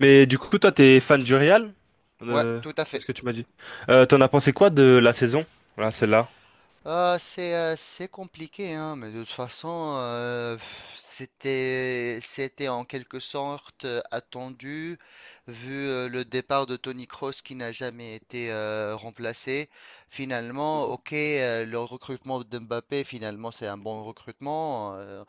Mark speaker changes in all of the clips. Speaker 1: Mais du coup, toi, t'es fan du Real?
Speaker 2: Ouais,
Speaker 1: Euh,
Speaker 2: tout à
Speaker 1: c'est
Speaker 2: fait.
Speaker 1: ce que tu m'as dit. T'en as pensé quoi de la saison? Voilà, celle-là.
Speaker 2: Ah, c'est compliqué, hein, mais de toute façon, c'était en quelque sorte attendu, vu le départ de Tony Kroos qui n'a jamais été remplacé. Finalement, ok, le recrutement de Mbappé, finalement, c'est un bon recrutement,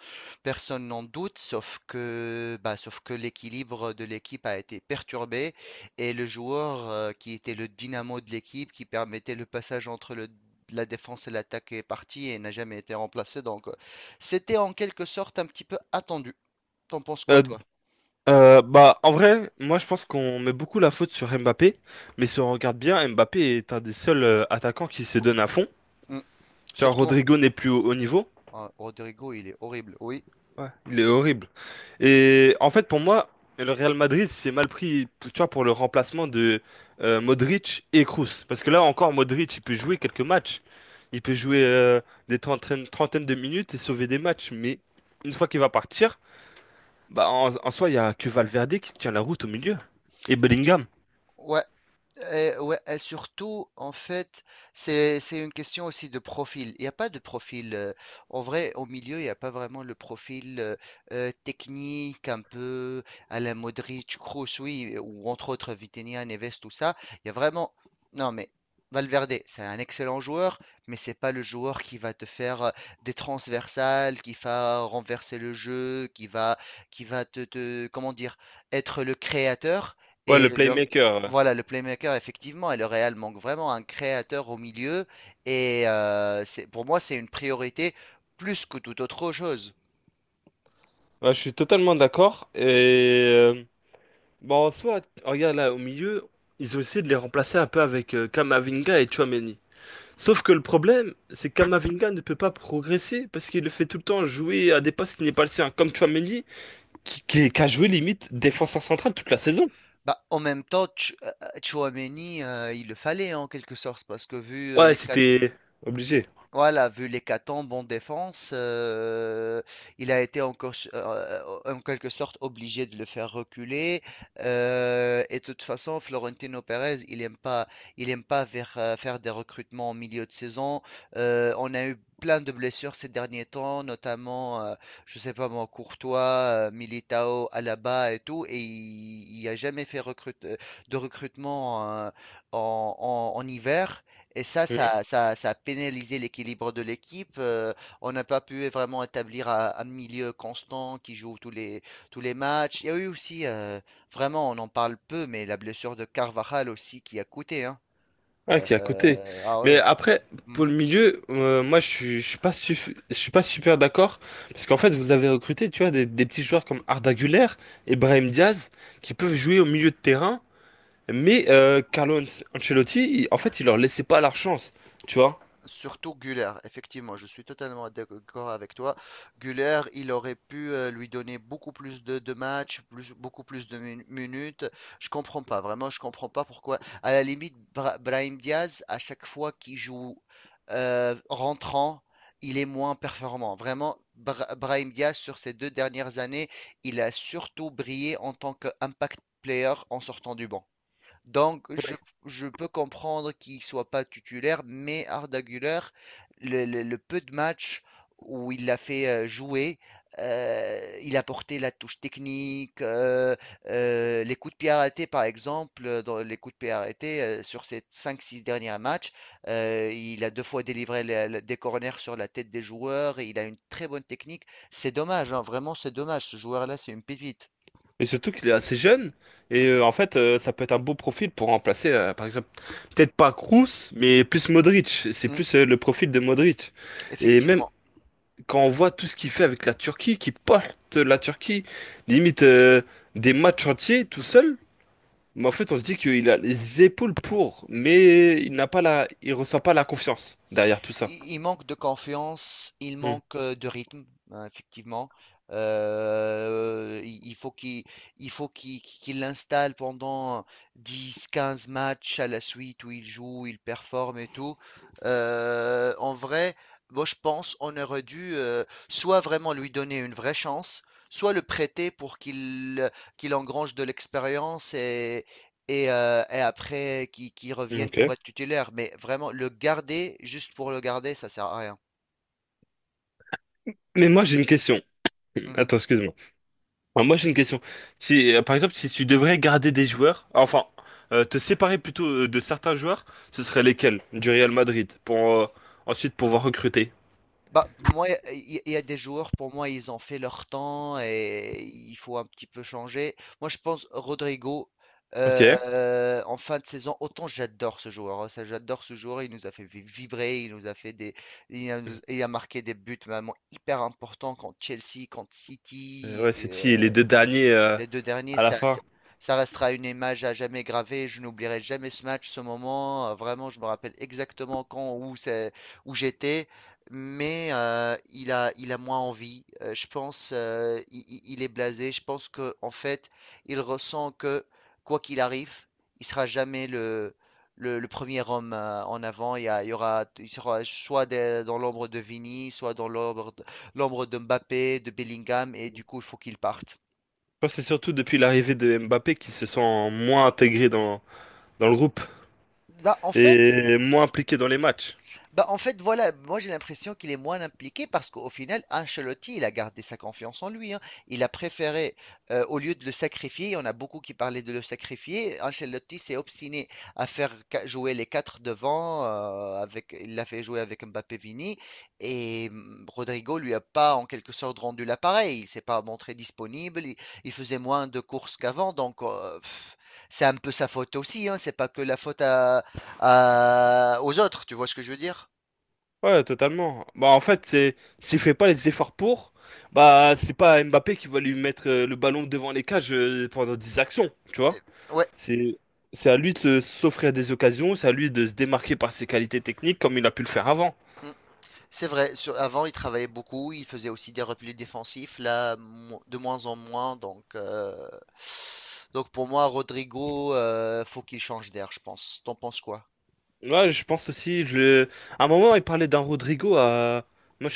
Speaker 2: personne n'en doute, sauf que l'équilibre de l'équipe a été perturbé. Et le joueur qui était le dynamo de l'équipe, qui permettait le passage entre le la défense et l'attaque est partie et n'a jamais été remplacée. Donc, c'était en quelque sorte un petit peu attendu. T'en penses quoi,
Speaker 1: Euh,
Speaker 2: toi?
Speaker 1: En vrai, moi, je pense qu'on met beaucoup la faute sur Mbappé. Mais si on regarde bien, Mbappé est un des seuls attaquants qui se donne à fond.
Speaker 2: Mm.
Speaker 1: Tu vois,
Speaker 2: Surtout,
Speaker 1: Rodrigo n'est plus au haut niveau.
Speaker 2: Rodrigo, il est horrible. Oui,
Speaker 1: Ouais. Il est horrible. Et en fait, pour moi, le Real Madrid s'est mal pris, tu vois, pour le remplacement de Modric et Kroos. Parce que là encore, Modric, il peut jouer quelques matchs. Il peut jouer des trentaines, trentaines de minutes et sauver des matchs. Mais une fois qu'il va partir, bah en soi, il y a que Valverde qui tient la route au milieu. Et Bellingham.
Speaker 2: ouais. Et, ouais, et surtout, en fait, c'est une question aussi de profil. Il n'y a pas de profil. En vrai, au milieu, il n'y a pas vraiment le profil technique, un peu à la Modric, Kroos, oui, ou entre autres Vitinha, Neves, tout ça. Il y a vraiment. Non, mais Valverde, c'est un excellent joueur, mais c'est pas le joueur qui va te faire des transversales, qui va renverser le jeu, qui va te, comment dire, être le créateur.
Speaker 1: Ouais,
Speaker 2: Et
Speaker 1: le
Speaker 2: le,
Speaker 1: playmaker. Ouais.
Speaker 2: voilà, le playmaker, effectivement, et le Real manque vraiment un créateur au milieu. Et c'est, pour moi, c'est une priorité plus que toute autre chose.
Speaker 1: Ouais, je suis totalement d'accord. Et bon, en soi, regarde là, au milieu, ils ont essayé de les remplacer un peu avec Camavinga et Tchouaméni. Sauf que le problème, c'est que Kamavinga ne peut pas progresser parce qu'il le fait tout le temps jouer à des postes qui n'est pas le sien, comme Tchouaméni, qui a joué limite défenseur central toute la saison.
Speaker 2: Bah, en même temps, Tchouaméni, il le fallait en quelque sorte, parce que vu
Speaker 1: Ouais, c'était
Speaker 2: C'est
Speaker 1: obligé.
Speaker 2: voilà, vu l'hécatombe en défense, il a été encore s en quelque sorte obligé de le faire reculer, et de toute façon, Florentino Pérez, il aime pas faire des recrutements en milieu de saison. On a eu plein de blessures ces derniers temps, notamment, je sais pas moi, Courtois, Militao, Alaba et tout et il a jamais fait recrute de recrutement, en hiver. Et ça,
Speaker 1: Mhm.
Speaker 2: ça, ça, ça a pénalisé l'équilibre de l'équipe. On n'a pas pu vraiment établir un milieu constant qui joue tous les matchs. Il y a eu aussi, vraiment, on en parle peu, mais la blessure de Carvajal aussi qui a coûté, hein.
Speaker 1: Ouais, qui est à côté.
Speaker 2: Ah
Speaker 1: Mais
Speaker 2: ouais.
Speaker 1: après, pour le
Speaker 2: Mhm.
Speaker 1: milieu, moi, je suis pas super d'accord parce qu'en fait, vous avez recruté, tu vois, des petits joueurs comme Arda Güler et Brahim Diaz qui peuvent jouer au milieu de terrain, mais Carlo Ancelotti, en fait, il leur laissait pas leur chance, tu vois.
Speaker 2: Surtout Güler, effectivement, je suis totalement d'accord avec toi. Güler, il aurait pu lui donner beaucoup plus de matchs, plus, beaucoup plus de minutes. Je comprends pas, vraiment, je comprends pas pourquoi. À la limite, Brahim Diaz, à chaque fois qu'il joue rentrant, il est moins performant. Vraiment, Brahim Diaz, sur ces deux dernières années, il a surtout brillé en tant qu'impact player en sortant du banc. Donc, je peux comprendre qu'il soit pas titulaire, mais Arda Güler, le peu de matchs où il l'a fait jouer, il a porté la touche technique, les coups de pied arrêtés, par exemple, dans les coups de pied arrêtés, sur ces cinq six derniers matchs, il a deux fois délivré des corners sur la tête des joueurs, et il a une très bonne technique. C'est dommage, hein, vraiment, c'est dommage. Ce joueur-là, c'est une pépite.
Speaker 1: Et surtout qu'il est assez jeune.
Speaker 2: Mm,
Speaker 1: Et en fait, ça peut être un beau profil pour remplacer, par exemple, peut-être pas Kroos, mais plus Modric. C'est
Speaker 2: mm,
Speaker 1: plus le profil de Modric. Et même
Speaker 2: effectivement.
Speaker 1: quand on voit tout ce qu'il fait avec la Turquie, qui porte la Turquie, limite des matchs entiers tout seul, mais en fait, on se dit qu'il a les épaules pour, mais il n'a pas la, il ressent pas la confiance derrière tout ça.
Speaker 2: Il manque de confiance, il
Speaker 1: Hmm,
Speaker 2: manque de rythme, hein, effectivement. Euh, il il faut qu'il il faut qu'il l'installe pendant dix quinze matchs à la suite où il joue, il performe et tout. En vrai, moi je pense on aurait dû soit vraiment lui donner une vraie chance, soit le prêter pour qu'il engrange de l'expérience et après qui reviennent pour
Speaker 1: ok.
Speaker 2: être titulaires. Mais vraiment, le garder juste pour le garder, ça sert à rien.
Speaker 1: Mais moi, j'ai une question.
Speaker 2: Mhm.
Speaker 1: Attends, excuse-moi. Enfin, moi, j'ai une question. Si, par exemple, si tu devrais garder des joueurs, enfin, te séparer plutôt de certains joueurs, ce seraient lesquels du Real Madrid pour ensuite pouvoir recruter.
Speaker 2: Bah, moi, il y a des joueurs, pour moi, ils ont fait leur temps et il faut un petit peu changer. Moi, je pense Rodrigo,
Speaker 1: Ok.
Speaker 2: en fin de saison, autant j'adore ce joueur, hein, ça, j'adore ce joueur. Il nous a fait vibrer, il nous a fait des, il a, nous- il a marqué des buts vraiment hyper importants contre Chelsea, contre City.
Speaker 1: Ouais, c'est si les deux derniers
Speaker 2: Les 2 derniers,
Speaker 1: à la
Speaker 2: ça ça
Speaker 1: fin.
Speaker 2: ça restera une image à jamais gravée. Je n'oublierai jamais ce match, ce moment. Vraiment, je me rappelle exactement quand, où c'est, où j'étais. Mais il a moins envie. Je pense, il est blasé. Je pense que, en fait, il ressent que quoi qu'il arrive, il sera jamais le premier homme en avant. Il y aura, il sera soit dans l'ombre de Vini, soit dans l'ombre, l'ombre de Mbappé, de Bellingham, et du coup, il faut qu'il parte.
Speaker 1: Je pense que c'est surtout depuis l'arrivée de Mbappé qu'ils se sont moins intégrés dans, dans le groupe
Speaker 2: Là, en fait,
Speaker 1: et moins impliqués dans les matchs.
Speaker 2: bah, en fait, voilà, moi j'ai l'impression qu'il est moins impliqué parce qu'au final, Ancelotti, il a gardé sa confiance en lui, hein. Il a préféré, au lieu de le sacrifier, on a beaucoup qui parlaient de le sacrifier. Ancelotti s'est obstiné à faire jouer les quatre devant, il l'a fait jouer avec Mbappé Vini, et Rodrigo lui a pas en quelque sorte rendu l'appareil. Il s'est pas montré disponible, il faisait moins de courses qu'avant, donc c'est un peu sa faute aussi, hein. C'est pas que la faute à aux autres, tu vois ce que je veux dire?
Speaker 1: Ouais, totalement. Bah, en fait, c'est s'il fait pas les efforts pour, bah, c'est pas Mbappé qui va lui mettre le ballon devant les cages pendant 10 actions, tu vois.
Speaker 2: Et- Ouais,
Speaker 1: C'est c'est à lui de s'offrir des occasions, c'est à lui de se démarquer par ses qualités techniques comme il a pu le faire avant.
Speaker 2: mm, c'est vrai. Avant, il travaillait beaucoup, il faisait aussi des replis défensifs, là, de moins en moins. Donc, pour moi, Rodrigo, faut qu'il change d'air, je pense. T'en penses quoi?
Speaker 1: Ouais, je pense aussi, je... à un moment, il parlait d'un Rodrigo à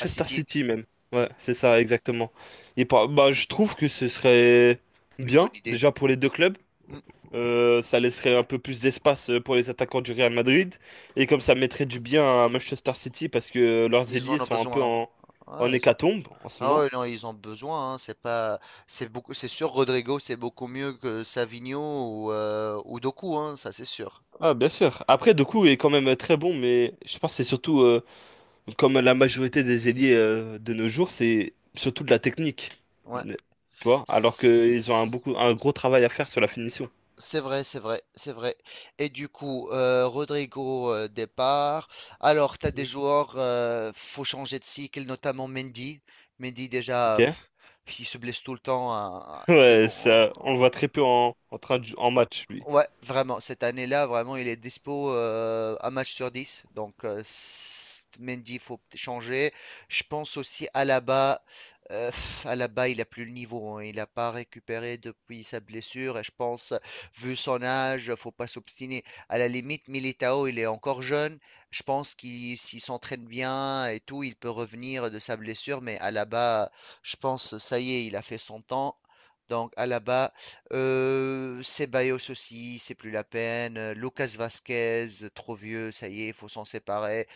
Speaker 2: À City?
Speaker 1: City même. Ouais,
Speaker 2: Mm,
Speaker 1: c'est ça, exactement. Et bah, je trouve que ce serait
Speaker 2: une
Speaker 1: bien,
Speaker 2: bonne idée.
Speaker 1: déjà pour les deux clubs.
Speaker 2: Mm,
Speaker 1: Ça laisserait un peu plus d'espace pour les attaquants du Real Madrid. Et comme ça mettrait du bien à Manchester City parce que leurs
Speaker 2: ils en
Speaker 1: ailiers
Speaker 2: ont
Speaker 1: sont un peu
Speaker 2: besoin, hein.
Speaker 1: en
Speaker 2: Ouais, ils ont...
Speaker 1: hécatombe en ce
Speaker 2: Ah
Speaker 1: moment.
Speaker 2: ouais, non, ils ont besoin, hein. C'est pas, c'est beaucoup, c'est sûr. Rodrigo, c'est beaucoup mieux que Savigno ou Doku, hein, ça c'est sûr.
Speaker 1: Ah, bien sûr. Après, Doku est quand même très bon, mais je pense que c'est surtout, comme la majorité des ailiers de nos jours, c'est surtout de la technique.
Speaker 2: Ouais.
Speaker 1: Tu vois? Alors qu'ils ont un gros travail à faire sur la finition.
Speaker 2: C'est vrai, c'est vrai, c'est vrai. Et du coup, Rodrigo départ. Alors, tu as des
Speaker 1: Mhm.
Speaker 2: joueurs, faut changer de cycle, notamment Mendy. Mendy déjà,
Speaker 1: Ok?
Speaker 2: il se blesse tout le temps, hein, c'est
Speaker 1: Ouais,
Speaker 2: bon,
Speaker 1: ça, on le
Speaker 2: hein.
Speaker 1: voit très peu en en match, lui.
Speaker 2: Ouais, vraiment, cette année-là, vraiment, il est dispo un match sur dix. Donc, Mendy, il faut peut-être changer. Je pense aussi à Alaba. Alaba, il n'a plus le niveau, hein. Il n'a pas récupéré depuis sa blessure. Et je pense, vu son âge, faut pas s'obstiner. À la limite, Militao, il est encore jeune. Je pense qu'il s'il s'entraîne bien et tout, il peut revenir de sa blessure. Mais Alaba, je pense, ça y est, il a fait son temps. Donc, Alaba. Ceballos aussi, c'est plus la peine, Lucas Vasquez, trop vieux, ça y est, il faut s'en séparer,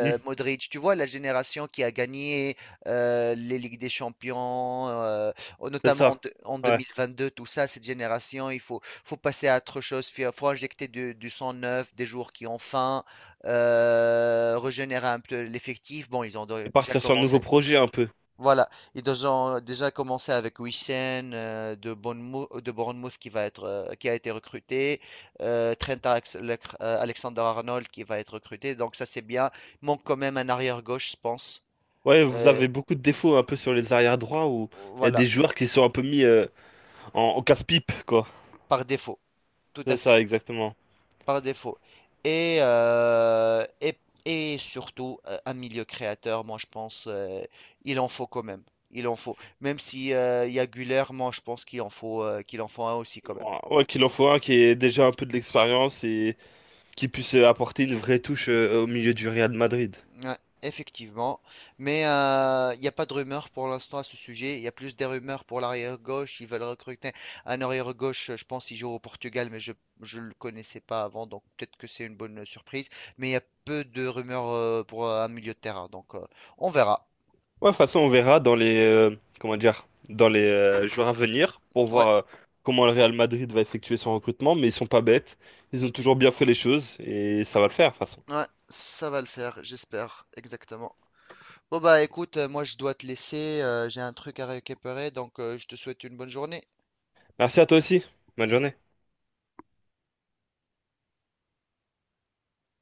Speaker 1: Hmm,
Speaker 2: Modric, tu vois la génération qui a gagné, les ligues des champions, oh
Speaker 1: c'est
Speaker 2: notamment
Speaker 1: ça.
Speaker 2: en
Speaker 1: Ouais.
Speaker 2: 2022, tout ça, cette génération, il faut passer à autre chose, fi faut injecter du sang neuf, des joueurs qui ont faim, régénérer un peu l'effectif. Bon, ils ont
Speaker 1: Et
Speaker 2: déjà
Speaker 1: partir sur un nouveau
Speaker 2: commencé
Speaker 1: projet un peu.
Speaker 2: voilà, ils ont déjà commencé avec Wissem de Bournemouth qui va être, qui a été recruté, Trent Alexander-Arnold qui va être recruté, donc ça c'est bien. Il manque quand même un arrière-gauche, je pense.
Speaker 1: Ouais, vous
Speaker 2: Euh,
Speaker 1: avez beaucoup de défauts un peu sur les arrières droits où il y a des
Speaker 2: voilà,
Speaker 1: joueurs qui sont un peu mis en casse-pipe, quoi.
Speaker 2: par défaut, tout à
Speaker 1: C'est
Speaker 2: fait,
Speaker 1: ça, exactement.
Speaker 2: par défaut. Et, euh, et, et, surtout, un milieu créateur, moi je pense, il en faut quand même. Il en faut. Même si il y a Güler, moi je pense qu'il en faut un aussi quand même.
Speaker 1: Ouais, ouais, qu'il en faut un qui ait déjà un peu de l'expérience et qui puisse apporter une vraie touche au milieu du Real Madrid.
Speaker 2: Ouais, effectivement. Mais il n'y a pas de rumeur pour l'instant à ce sujet. Il y a plus des rumeurs pour l'arrière-gauche. Ils veulent recruter un arrière-gauche, je pense, il joue au Portugal, mais je ne le connaissais pas avant, donc peut-être que c'est une bonne surprise. Mais il y a peu de rumeurs pour un milieu de terrain, donc on verra.
Speaker 1: Ouais, de toute façon, on verra dans les, comment dire, dans les jours à venir pour
Speaker 2: Ouais,
Speaker 1: voir comment le Real Madrid va effectuer son recrutement, mais ils sont pas bêtes. Ils ont toujours bien fait les choses et ça va le faire, de toute façon.
Speaker 2: ouais, ça va le faire, j'espère, exactement. Bon bah écoute, moi je dois te laisser, j'ai un truc à récupérer, donc je te souhaite une bonne journée.
Speaker 1: Merci à toi aussi. Bonne journée.